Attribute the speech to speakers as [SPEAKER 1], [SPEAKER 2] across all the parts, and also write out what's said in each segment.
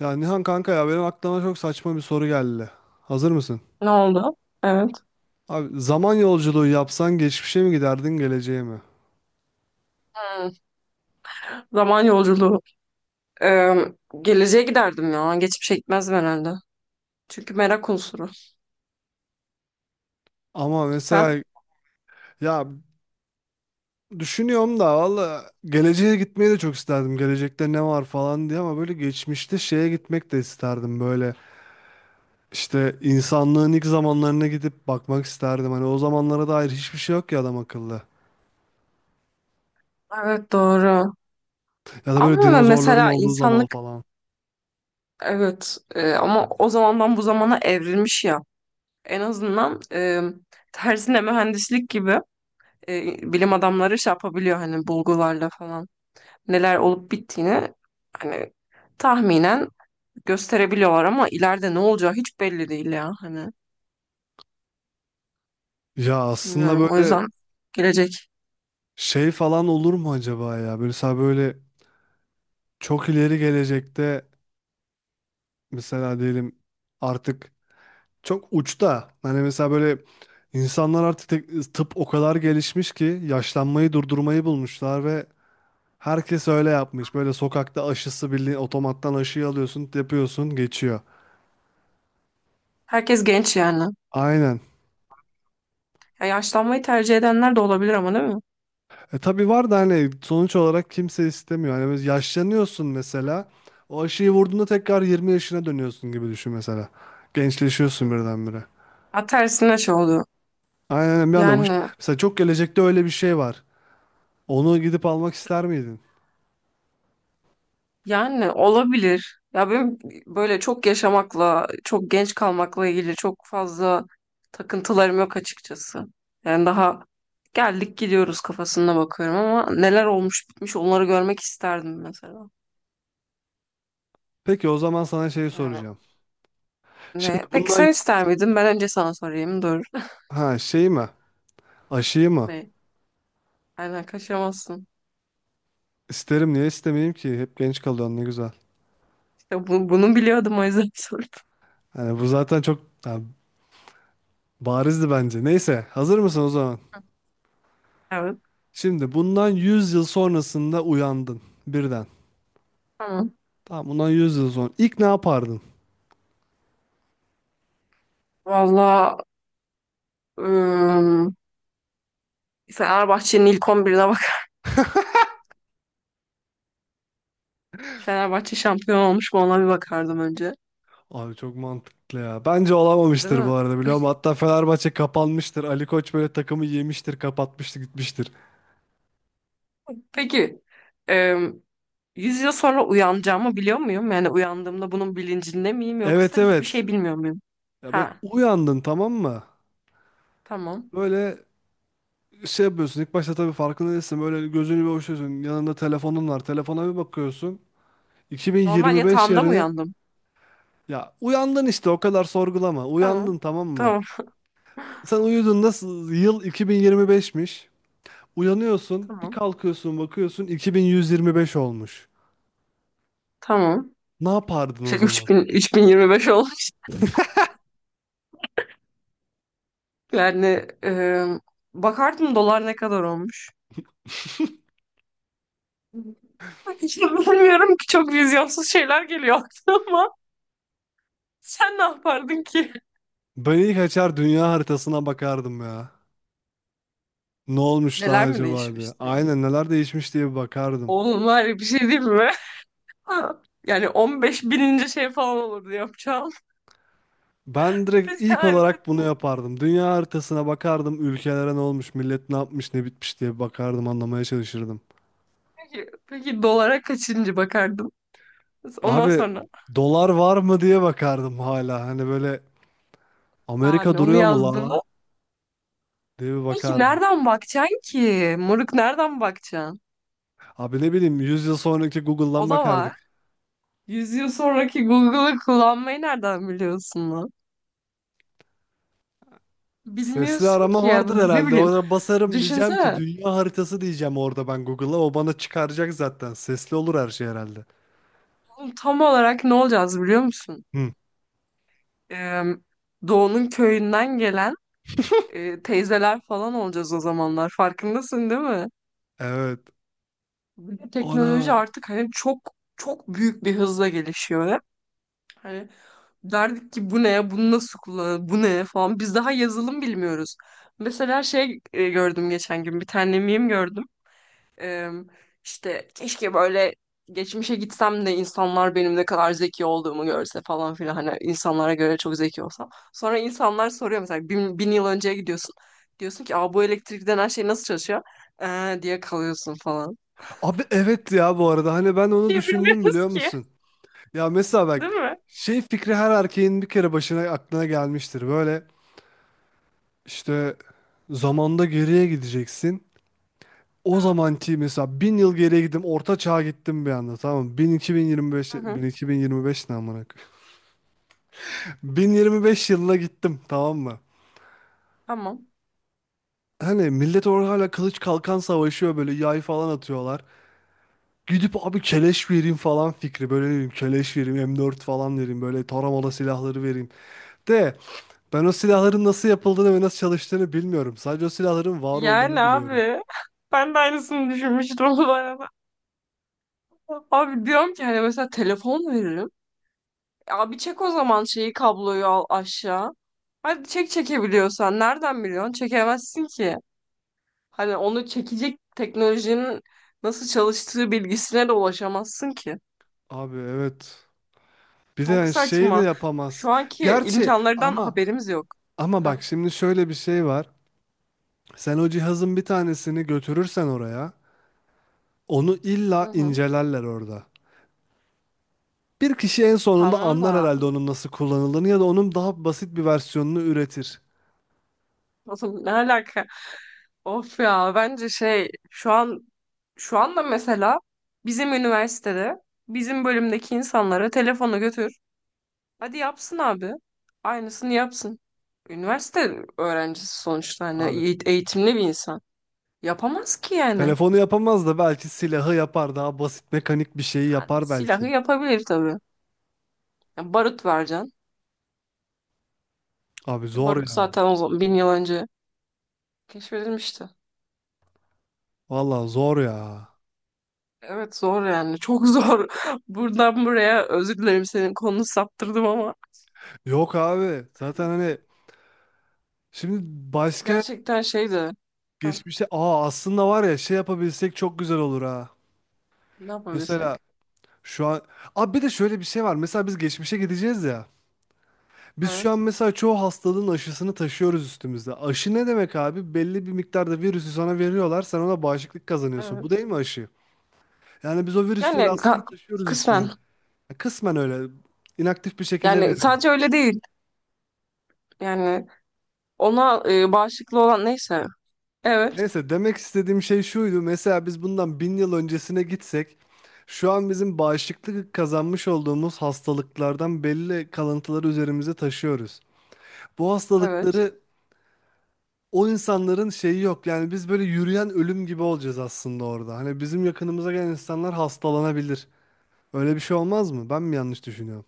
[SPEAKER 1] Ya Nihan kanka ya benim aklıma çok saçma bir soru geldi. Hazır mısın?
[SPEAKER 2] Ne oldu? Evet.
[SPEAKER 1] Abi zaman yolculuğu yapsan geçmişe mi giderdin geleceğe mi?
[SPEAKER 2] Hmm. Zaman yolculuğu. Ee, Geleceğe giderdim ya. Geçmişe gitmezdim herhalde. Çünkü merak unsuru.
[SPEAKER 1] Ama
[SPEAKER 2] Sen?
[SPEAKER 1] mesela ya düşünüyorum da valla geleceğe gitmeyi de çok isterdim. Gelecekte ne var falan diye ama böyle geçmişte şeye gitmek de isterdim. Böyle işte insanlığın ilk zamanlarına gidip bakmak isterdim. Hani o zamanlara dair hiçbir şey yok ya adam akıllı.
[SPEAKER 2] Evet, doğru.
[SPEAKER 1] Ya da böyle
[SPEAKER 2] Ama
[SPEAKER 1] dinozorların
[SPEAKER 2] mesela
[SPEAKER 1] olduğu zaman
[SPEAKER 2] insanlık,
[SPEAKER 1] falan.
[SPEAKER 2] evet, ama o zamandan bu zamana evrilmiş ya. En azından tersine mühendislik gibi, bilim adamları şey yapabiliyor hani bulgularla falan. Neler olup bittiğini hani tahminen gösterebiliyorlar ama ileride ne olacağı hiç belli değil ya hani.
[SPEAKER 1] Ya aslında
[SPEAKER 2] Bilmiyorum. O
[SPEAKER 1] böyle
[SPEAKER 2] yüzden gelecek.
[SPEAKER 1] şey falan olur mu acaba ya? Böyle mesela böyle çok ileri gelecekte mesela diyelim artık çok uçta hani mesela böyle insanlar artık tıp o kadar gelişmiş ki yaşlanmayı durdurmayı bulmuşlar ve herkes öyle yapmış. Böyle sokakta aşısı bildiğin otomattan aşıyı alıyorsun, yapıyorsun, geçiyor.
[SPEAKER 2] Herkes genç yani.
[SPEAKER 1] Aynen.
[SPEAKER 2] Ya yaşlanmayı tercih edenler de olabilir ama, değil mi?
[SPEAKER 1] E tabii var da hani sonuç olarak kimse istemiyor. Hani biz yaşlanıyorsun mesela. O aşıyı vurduğunda tekrar 20 yaşına dönüyorsun gibi düşün mesela. Gençleşiyorsun
[SPEAKER 2] Hmm.
[SPEAKER 1] birdenbire.
[SPEAKER 2] Ha, tersine şey oluyor.
[SPEAKER 1] Aynen bir anda
[SPEAKER 2] Yani
[SPEAKER 1] mesela çok gelecekte öyle bir şey var. Onu gidip almak ister miydin?
[SPEAKER 2] yani olabilir. Ya benim böyle çok yaşamakla, çok genç kalmakla ilgili çok fazla takıntılarım yok açıkçası. Yani daha geldik gidiyoruz kafasına bakıyorum ama neler olmuş bitmiş onları görmek isterdim mesela.
[SPEAKER 1] Peki o zaman sana şeyi
[SPEAKER 2] Yani
[SPEAKER 1] soracağım.
[SPEAKER 2] ne?
[SPEAKER 1] Şimdi
[SPEAKER 2] Peki sen
[SPEAKER 1] bundan
[SPEAKER 2] ister miydin? Ben önce sana sorayım. Dur.
[SPEAKER 1] ha şey mi? Aşıyı mı?
[SPEAKER 2] Ne? Aynen, kaçamazsın.
[SPEAKER 1] İsterim niye istemeyeyim ki? Hep genç kalıyorsun ne güzel.
[SPEAKER 2] Ya bunu biliyordum o yüzden sordum.
[SPEAKER 1] Yani bu zaten çok barizdi bence. Neyse hazır mısın o zaman?
[SPEAKER 2] Evet.
[SPEAKER 1] Şimdi bundan 100 yıl sonrasında uyandın birden.
[SPEAKER 2] Tamam.
[SPEAKER 1] Tamam bundan 100 yıl sonra. İlk ne yapardın?
[SPEAKER 2] Valla, ım, Fenerbahçe'nin ilk 11'ine bak. Fenerbahçe şampiyon olmuş mu, ona bir bakardım önce.
[SPEAKER 1] Abi çok mantıklı ya. Bence
[SPEAKER 2] Değil
[SPEAKER 1] olamamıştır bu
[SPEAKER 2] mi?
[SPEAKER 1] arada biliyor musun? Hatta Fenerbahçe kapanmıştır. Ali Koç böyle takımı yemiştir, kapatmıştır, gitmiştir.
[SPEAKER 2] Peki, ım, 100 yıl sonra uyanacağımı biliyor muyum? Yani uyandığımda bunun bilincinde miyim,
[SPEAKER 1] Evet,
[SPEAKER 2] yoksa hiçbir
[SPEAKER 1] evet.
[SPEAKER 2] şey bilmiyor muyum?
[SPEAKER 1] Ya böyle
[SPEAKER 2] Ha,
[SPEAKER 1] uyandın, tamam mı?
[SPEAKER 2] tamam.
[SPEAKER 1] Böyle şey yapıyorsun. İlk başta tabii farkında değilsin. Böyle gözünü bir açıyorsun. Yanında telefonun var. Telefona bir bakıyorsun.
[SPEAKER 2] Normal
[SPEAKER 1] 2025
[SPEAKER 2] yatağımda mı
[SPEAKER 1] yerine
[SPEAKER 2] uyandım?
[SPEAKER 1] ya uyandın işte, o kadar sorgulama.
[SPEAKER 2] Tamam.
[SPEAKER 1] Uyandın tamam mı?
[SPEAKER 2] Tamam.
[SPEAKER 1] Sen uyudun nasıl? Yıl 2025'miş. Uyanıyorsun, bir
[SPEAKER 2] Tamam.
[SPEAKER 1] kalkıyorsun, bakıyorsun 2125 olmuş.
[SPEAKER 2] Tamam.
[SPEAKER 1] Ne yapardın o zaman?
[SPEAKER 2] 3000, 3025 olmuş. Yani, bakardım dolar ne kadar olmuş. Hiç bilmiyorum ki, çok vizyonsuz şeyler geliyor aklıma. Ama sen ne yapardın ki?
[SPEAKER 1] Ben ilk açar dünya haritasına bakardım ya. Ne olmuş lan
[SPEAKER 2] Neler mi
[SPEAKER 1] acaba diye.
[SPEAKER 2] değişmişti?
[SPEAKER 1] Aynen neler değişmiş diye bir bakardım.
[SPEAKER 2] Oğlum, var ya bir şey, değil mi? Yani 15 bininci şey falan olurdu yapacağım.
[SPEAKER 1] Ben direkt
[SPEAKER 2] Peki,
[SPEAKER 1] ilk
[SPEAKER 2] harita,
[SPEAKER 1] olarak bunu yapardım. Dünya haritasına bakardım, ülkelere ne olmuş, millet ne yapmış, ne bitmiş diye bakardım, anlamaya çalışırdım.
[SPEAKER 2] peki dolara kaçıncı bakardın? Ondan
[SPEAKER 1] Abi
[SPEAKER 2] sonra,
[SPEAKER 1] dolar var mı diye bakardım hala. Hani böyle Amerika
[SPEAKER 2] yani onu
[SPEAKER 1] duruyor mu la
[SPEAKER 2] yazdığında,
[SPEAKER 1] diye bir
[SPEAKER 2] peki
[SPEAKER 1] bakardım.
[SPEAKER 2] nereden bakacaksın ki? Moruk, nereden bakacaksın?
[SPEAKER 1] Abi ne bileyim 100 yıl sonraki
[SPEAKER 2] O
[SPEAKER 1] Google'dan
[SPEAKER 2] da var.
[SPEAKER 1] bakardık.
[SPEAKER 2] 100 yıl sonraki Google'ı kullanmayı nereden biliyorsun lan?
[SPEAKER 1] Sesli
[SPEAKER 2] Bilmiyorsun
[SPEAKER 1] arama
[SPEAKER 2] ki ya,
[SPEAKER 1] vardır
[SPEAKER 2] ne
[SPEAKER 1] herhalde.
[SPEAKER 2] bileyim.
[SPEAKER 1] Ona basarım diyeceğim ki
[SPEAKER 2] Düşünsene.
[SPEAKER 1] dünya haritası diyeceğim orada ben Google'a. O bana çıkaracak zaten. Sesli olur her şey herhalde.
[SPEAKER 2] Oğlum, tam olarak ne olacağız biliyor musun?
[SPEAKER 1] Hı.
[SPEAKER 2] Ee, Doğu'nun köyünden gelen, teyzeler falan olacağız o zamanlar. Farkındasın, değil mi?
[SPEAKER 1] Evet.
[SPEAKER 2] Bir de
[SPEAKER 1] Ona.
[SPEAKER 2] teknoloji artık hani çok çok büyük bir hızla gelişiyor hep. Hani derdik ki bu ne, bunu nasıl kullanır, bu ne falan. Biz daha yazılım bilmiyoruz. Mesela gördüm geçen gün bir tane meme gördüm. Ee, işte keşke böyle geçmişe gitsem de insanlar benim ne kadar zeki olduğumu görse falan filan. Hani insanlara göre çok zeki olsam. Sonra insanlar soruyor, mesela bin yıl önceye gidiyorsun. Diyorsun ki: "Aa, bu elektrik denen şey nasıl çalışıyor?" Diye kalıyorsun falan.
[SPEAKER 1] Abi evet ya, bu arada hani ben onu
[SPEAKER 2] Bir şey
[SPEAKER 1] düşündüm
[SPEAKER 2] bilmiyoruz
[SPEAKER 1] biliyor
[SPEAKER 2] ki.
[SPEAKER 1] musun? Ya mesela bak
[SPEAKER 2] Değil mi?
[SPEAKER 1] şey fikri her erkeğin bir kere başına aklına gelmiştir. Böyle işte zamanda geriye gideceksin. O zamanki mesela bin yıl geriye gittim, orta çağa gittim bir anda tamam mı? 1000 2025
[SPEAKER 2] Hı
[SPEAKER 1] 1000
[SPEAKER 2] hı.
[SPEAKER 1] 2025 ne amına koyayım? 1025 yılına gittim tamam mı?
[SPEAKER 2] Tamam.
[SPEAKER 1] Hani millet orada hala kılıç kalkan savaşıyor, böyle yay falan atıyorlar. Gidip abi keleş vereyim falan fikri. Böyle ne bileyim keleş vereyim, M4 falan vereyim. Böyle taramalı silahları vereyim. De ben o silahların nasıl yapıldığını ve nasıl çalıştığını bilmiyorum. Sadece o silahların var
[SPEAKER 2] Yani
[SPEAKER 1] olduğunu biliyorum.
[SPEAKER 2] abi, ben de aynısını düşünmüştüm bu arada. Abi diyorum ki hani mesela telefon veririm. Abi, çek o zaman şeyi, kabloyu al aşağı. Hadi çek, çekebiliyorsan. Nereden biliyorsun? Çekemezsin ki. Hani onu çekecek teknolojinin nasıl çalıştığı bilgisine de ulaşamazsın ki.
[SPEAKER 1] Abi evet. Bir de
[SPEAKER 2] Çok
[SPEAKER 1] yani şeyi de
[SPEAKER 2] saçma.
[SPEAKER 1] yapamaz.
[SPEAKER 2] Şu anki
[SPEAKER 1] Gerçi
[SPEAKER 2] imkanlardan
[SPEAKER 1] ama
[SPEAKER 2] haberimiz yok. Hah.
[SPEAKER 1] bak şimdi şöyle bir şey var. Sen o cihazın bir tanesini götürürsen oraya, onu
[SPEAKER 2] Hı
[SPEAKER 1] illa
[SPEAKER 2] hı.
[SPEAKER 1] incelerler orada. Bir kişi en sonunda
[SPEAKER 2] Tamam
[SPEAKER 1] anlar
[SPEAKER 2] da,
[SPEAKER 1] herhalde onun nasıl kullanıldığını ya da onun daha basit bir versiyonunu üretir.
[SPEAKER 2] nasıl, ne alaka? Of ya, bence şey, şu anda mesela bizim üniversitede, bizim bölümdeki insanlara telefonu götür. Hadi yapsın abi. Aynısını yapsın. Üniversite öğrencisi sonuçta, hani
[SPEAKER 1] Abi
[SPEAKER 2] eğitimli bir insan. Yapamaz ki yani.
[SPEAKER 1] telefonu yapamaz da belki silahı yapar, daha basit mekanik bir şeyi
[SPEAKER 2] Yani
[SPEAKER 1] yapar belki.
[SPEAKER 2] silahı yapabilir tabii. Yani barut vereceksin.
[SPEAKER 1] Abi
[SPEAKER 2] Ki
[SPEAKER 1] zor
[SPEAKER 2] barut
[SPEAKER 1] ya.
[SPEAKER 2] zaten o zaman 1.000 yıl önce keşfedilmişti.
[SPEAKER 1] Valla zor ya.
[SPEAKER 2] Evet, zor yani. Çok zor. Buradan buraya özür dilerim, senin konunu saptırdım ama
[SPEAKER 1] Yok abi. Zaten hani şimdi başka
[SPEAKER 2] gerçekten şeydi. Heh,
[SPEAKER 1] geçmişe aslında var ya şey yapabilsek çok güzel olur ha.
[SPEAKER 2] ne
[SPEAKER 1] Mesela
[SPEAKER 2] yapabilsek?
[SPEAKER 1] şu an abi bir de şöyle bir şey var. Mesela biz geçmişe gideceğiz ya. Biz şu an
[SPEAKER 2] Evet.
[SPEAKER 1] mesela çoğu hastalığın aşısını taşıyoruz üstümüzde. Aşı ne demek abi? Belli bir miktarda virüsü sana veriyorlar. Sen ona bağışıklık kazanıyorsun. Bu
[SPEAKER 2] Evet.
[SPEAKER 1] değil mi aşı? Yani biz o virüsleri
[SPEAKER 2] Yani
[SPEAKER 1] aslında taşıyoruz
[SPEAKER 2] kısmen.
[SPEAKER 1] üstümüzde. Kısmen öyle inaktif bir şekilde.
[SPEAKER 2] Yani sadece öyle değil. Yani ona, bağışıklı olan neyse. Evet.
[SPEAKER 1] Neyse, demek istediğim şey şuydu. Mesela biz bundan bin yıl öncesine gitsek, şu an bizim bağışıklık kazanmış olduğumuz hastalıklardan belli kalıntıları üzerimize taşıyoruz. Bu
[SPEAKER 2] Evet.
[SPEAKER 1] hastalıkları o insanların şeyi yok. Yani biz böyle yürüyen ölüm gibi olacağız aslında orada. Hani bizim yakınımıza gelen insanlar hastalanabilir. Öyle bir şey olmaz mı? Ben mi yanlış düşünüyorum?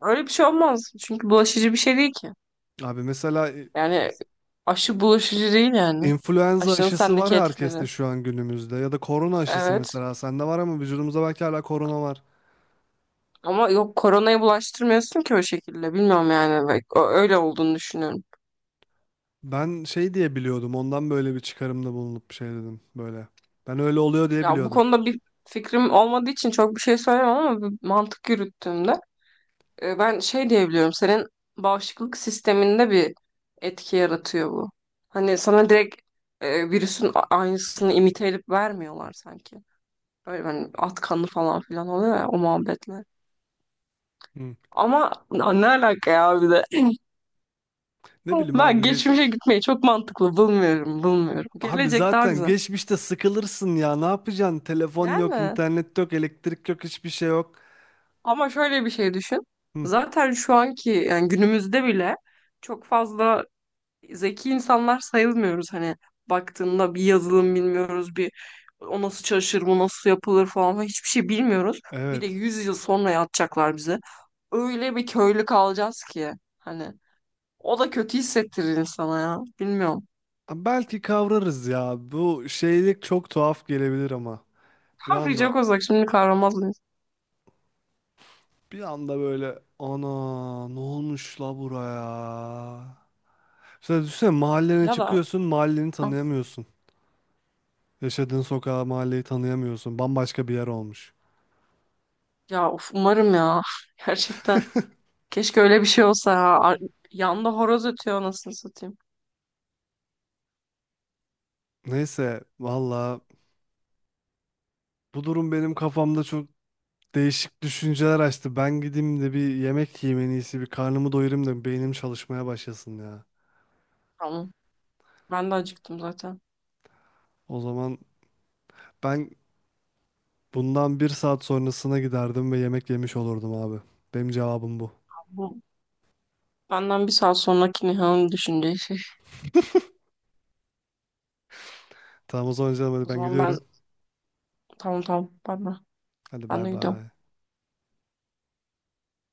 [SPEAKER 2] Öyle bir şey olmaz. Çünkü bulaşıcı bir şey değil ki.
[SPEAKER 1] Abi mesela
[SPEAKER 2] Yani aşı bulaşıcı değil yani.
[SPEAKER 1] influenza
[SPEAKER 2] Aşının
[SPEAKER 1] aşısı var
[SPEAKER 2] sendeki
[SPEAKER 1] ya
[SPEAKER 2] etkileri.
[SPEAKER 1] herkeste şu an günümüzde ya da korona aşısı
[SPEAKER 2] Evet.
[SPEAKER 1] mesela sende var ama vücudumuzda belki hala korona var.
[SPEAKER 2] Ama yok, koronayı bulaştırmıyorsun ki o şekilde. Bilmiyorum yani. Bak, öyle olduğunu düşünüyorum.
[SPEAKER 1] Ben şey diye biliyordum. Ondan böyle bir çıkarımda bulunup bir şey dedim böyle. Ben öyle oluyor diye
[SPEAKER 2] Ya bu
[SPEAKER 1] biliyordum.
[SPEAKER 2] konuda bir fikrim olmadığı için çok bir şey söyleyemem ama bir mantık yürüttüğümde, ben şey diyebiliyorum. Senin bağışıklık sisteminde bir etki yaratıyor bu. Hani sana direkt, virüsün aynısını imite edip vermiyorlar sanki. Böyle hani at kanı falan filan oluyor ya, o muhabbetler.
[SPEAKER 1] Hı.
[SPEAKER 2] Ama ne alaka ya, bir de.
[SPEAKER 1] Ne bileyim
[SPEAKER 2] Ben
[SPEAKER 1] abi
[SPEAKER 2] geçmişe
[SPEAKER 1] geçmiş.
[SPEAKER 2] gitmeyi çok mantıklı bulmuyorum, bulmuyorum.
[SPEAKER 1] Abi
[SPEAKER 2] Gelecek daha
[SPEAKER 1] zaten
[SPEAKER 2] güzel.
[SPEAKER 1] geçmişte sıkılırsın ya. Ne yapacaksın? Telefon yok,
[SPEAKER 2] Yani,
[SPEAKER 1] internet yok, elektrik yok, hiçbir şey yok.
[SPEAKER 2] ama şöyle bir şey düşün.
[SPEAKER 1] Hı.
[SPEAKER 2] Zaten şu anki, yani günümüzde bile çok fazla zeki insanlar sayılmıyoruz. Hani baktığında bir yazılım bilmiyoruz, bir o nasıl çalışır, bu nasıl yapılır falan falan, hiçbir şey bilmiyoruz. Bir de
[SPEAKER 1] Evet.
[SPEAKER 2] 100 yıl sonra yatacaklar bize. Öyle bir köylü kalacağız ki hani. O da kötü hissettirir insana ya. Bilmiyorum.
[SPEAKER 1] Ha, belki kavrarız ya. Bu şeylik çok tuhaf gelebilir ama. Bir
[SPEAKER 2] Ha, Free Jack
[SPEAKER 1] anda
[SPEAKER 2] olsak şimdi kahramaz mıyız?
[SPEAKER 1] bir anda böyle ana, ne olmuş la buraya? Mesela düşünsene mahallene
[SPEAKER 2] Ya da,
[SPEAKER 1] çıkıyorsun, mahalleni
[SPEAKER 2] hı,
[SPEAKER 1] tanıyamıyorsun. Yaşadığın sokağı, mahalleyi tanıyamıyorsun. Bambaşka bir yer olmuş.
[SPEAKER 2] ya of, umarım ya. Gerçekten. Keşke öyle bir şey olsa ya. Yanda horoz ötüyor, anasını satayım.
[SPEAKER 1] Neyse, valla bu durum benim kafamda çok değişik düşünceler açtı. Ben gideyim de bir yemek yiyeyim en iyisi. Bir karnımı doyurayım da beynim çalışmaya başlasın ya.
[SPEAKER 2] Tamam. Ben de acıktım zaten.
[SPEAKER 1] O zaman ben bundan bir saat sonrasına giderdim ve yemek yemiş olurdum abi. Benim cevabım bu.
[SPEAKER 2] Bu benden bir saat sonraki Nihan'ın düşüneceği şey.
[SPEAKER 1] Tamam o zaman canım, hadi
[SPEAKER 2] O
[SPEAKER 1] ben
[SPEAKER 2] zaman, ben,
[SPEAKER 1] gidiyorum.
[SPEAKER 2] tamam tamam. Ben de,
[SPEAKER 1] Hadi
[SPEAKER 2] ben
[SPEAKER 1] bay
[SPEAKER 2] de gidiyorum.
[SPEAKER 1] bay.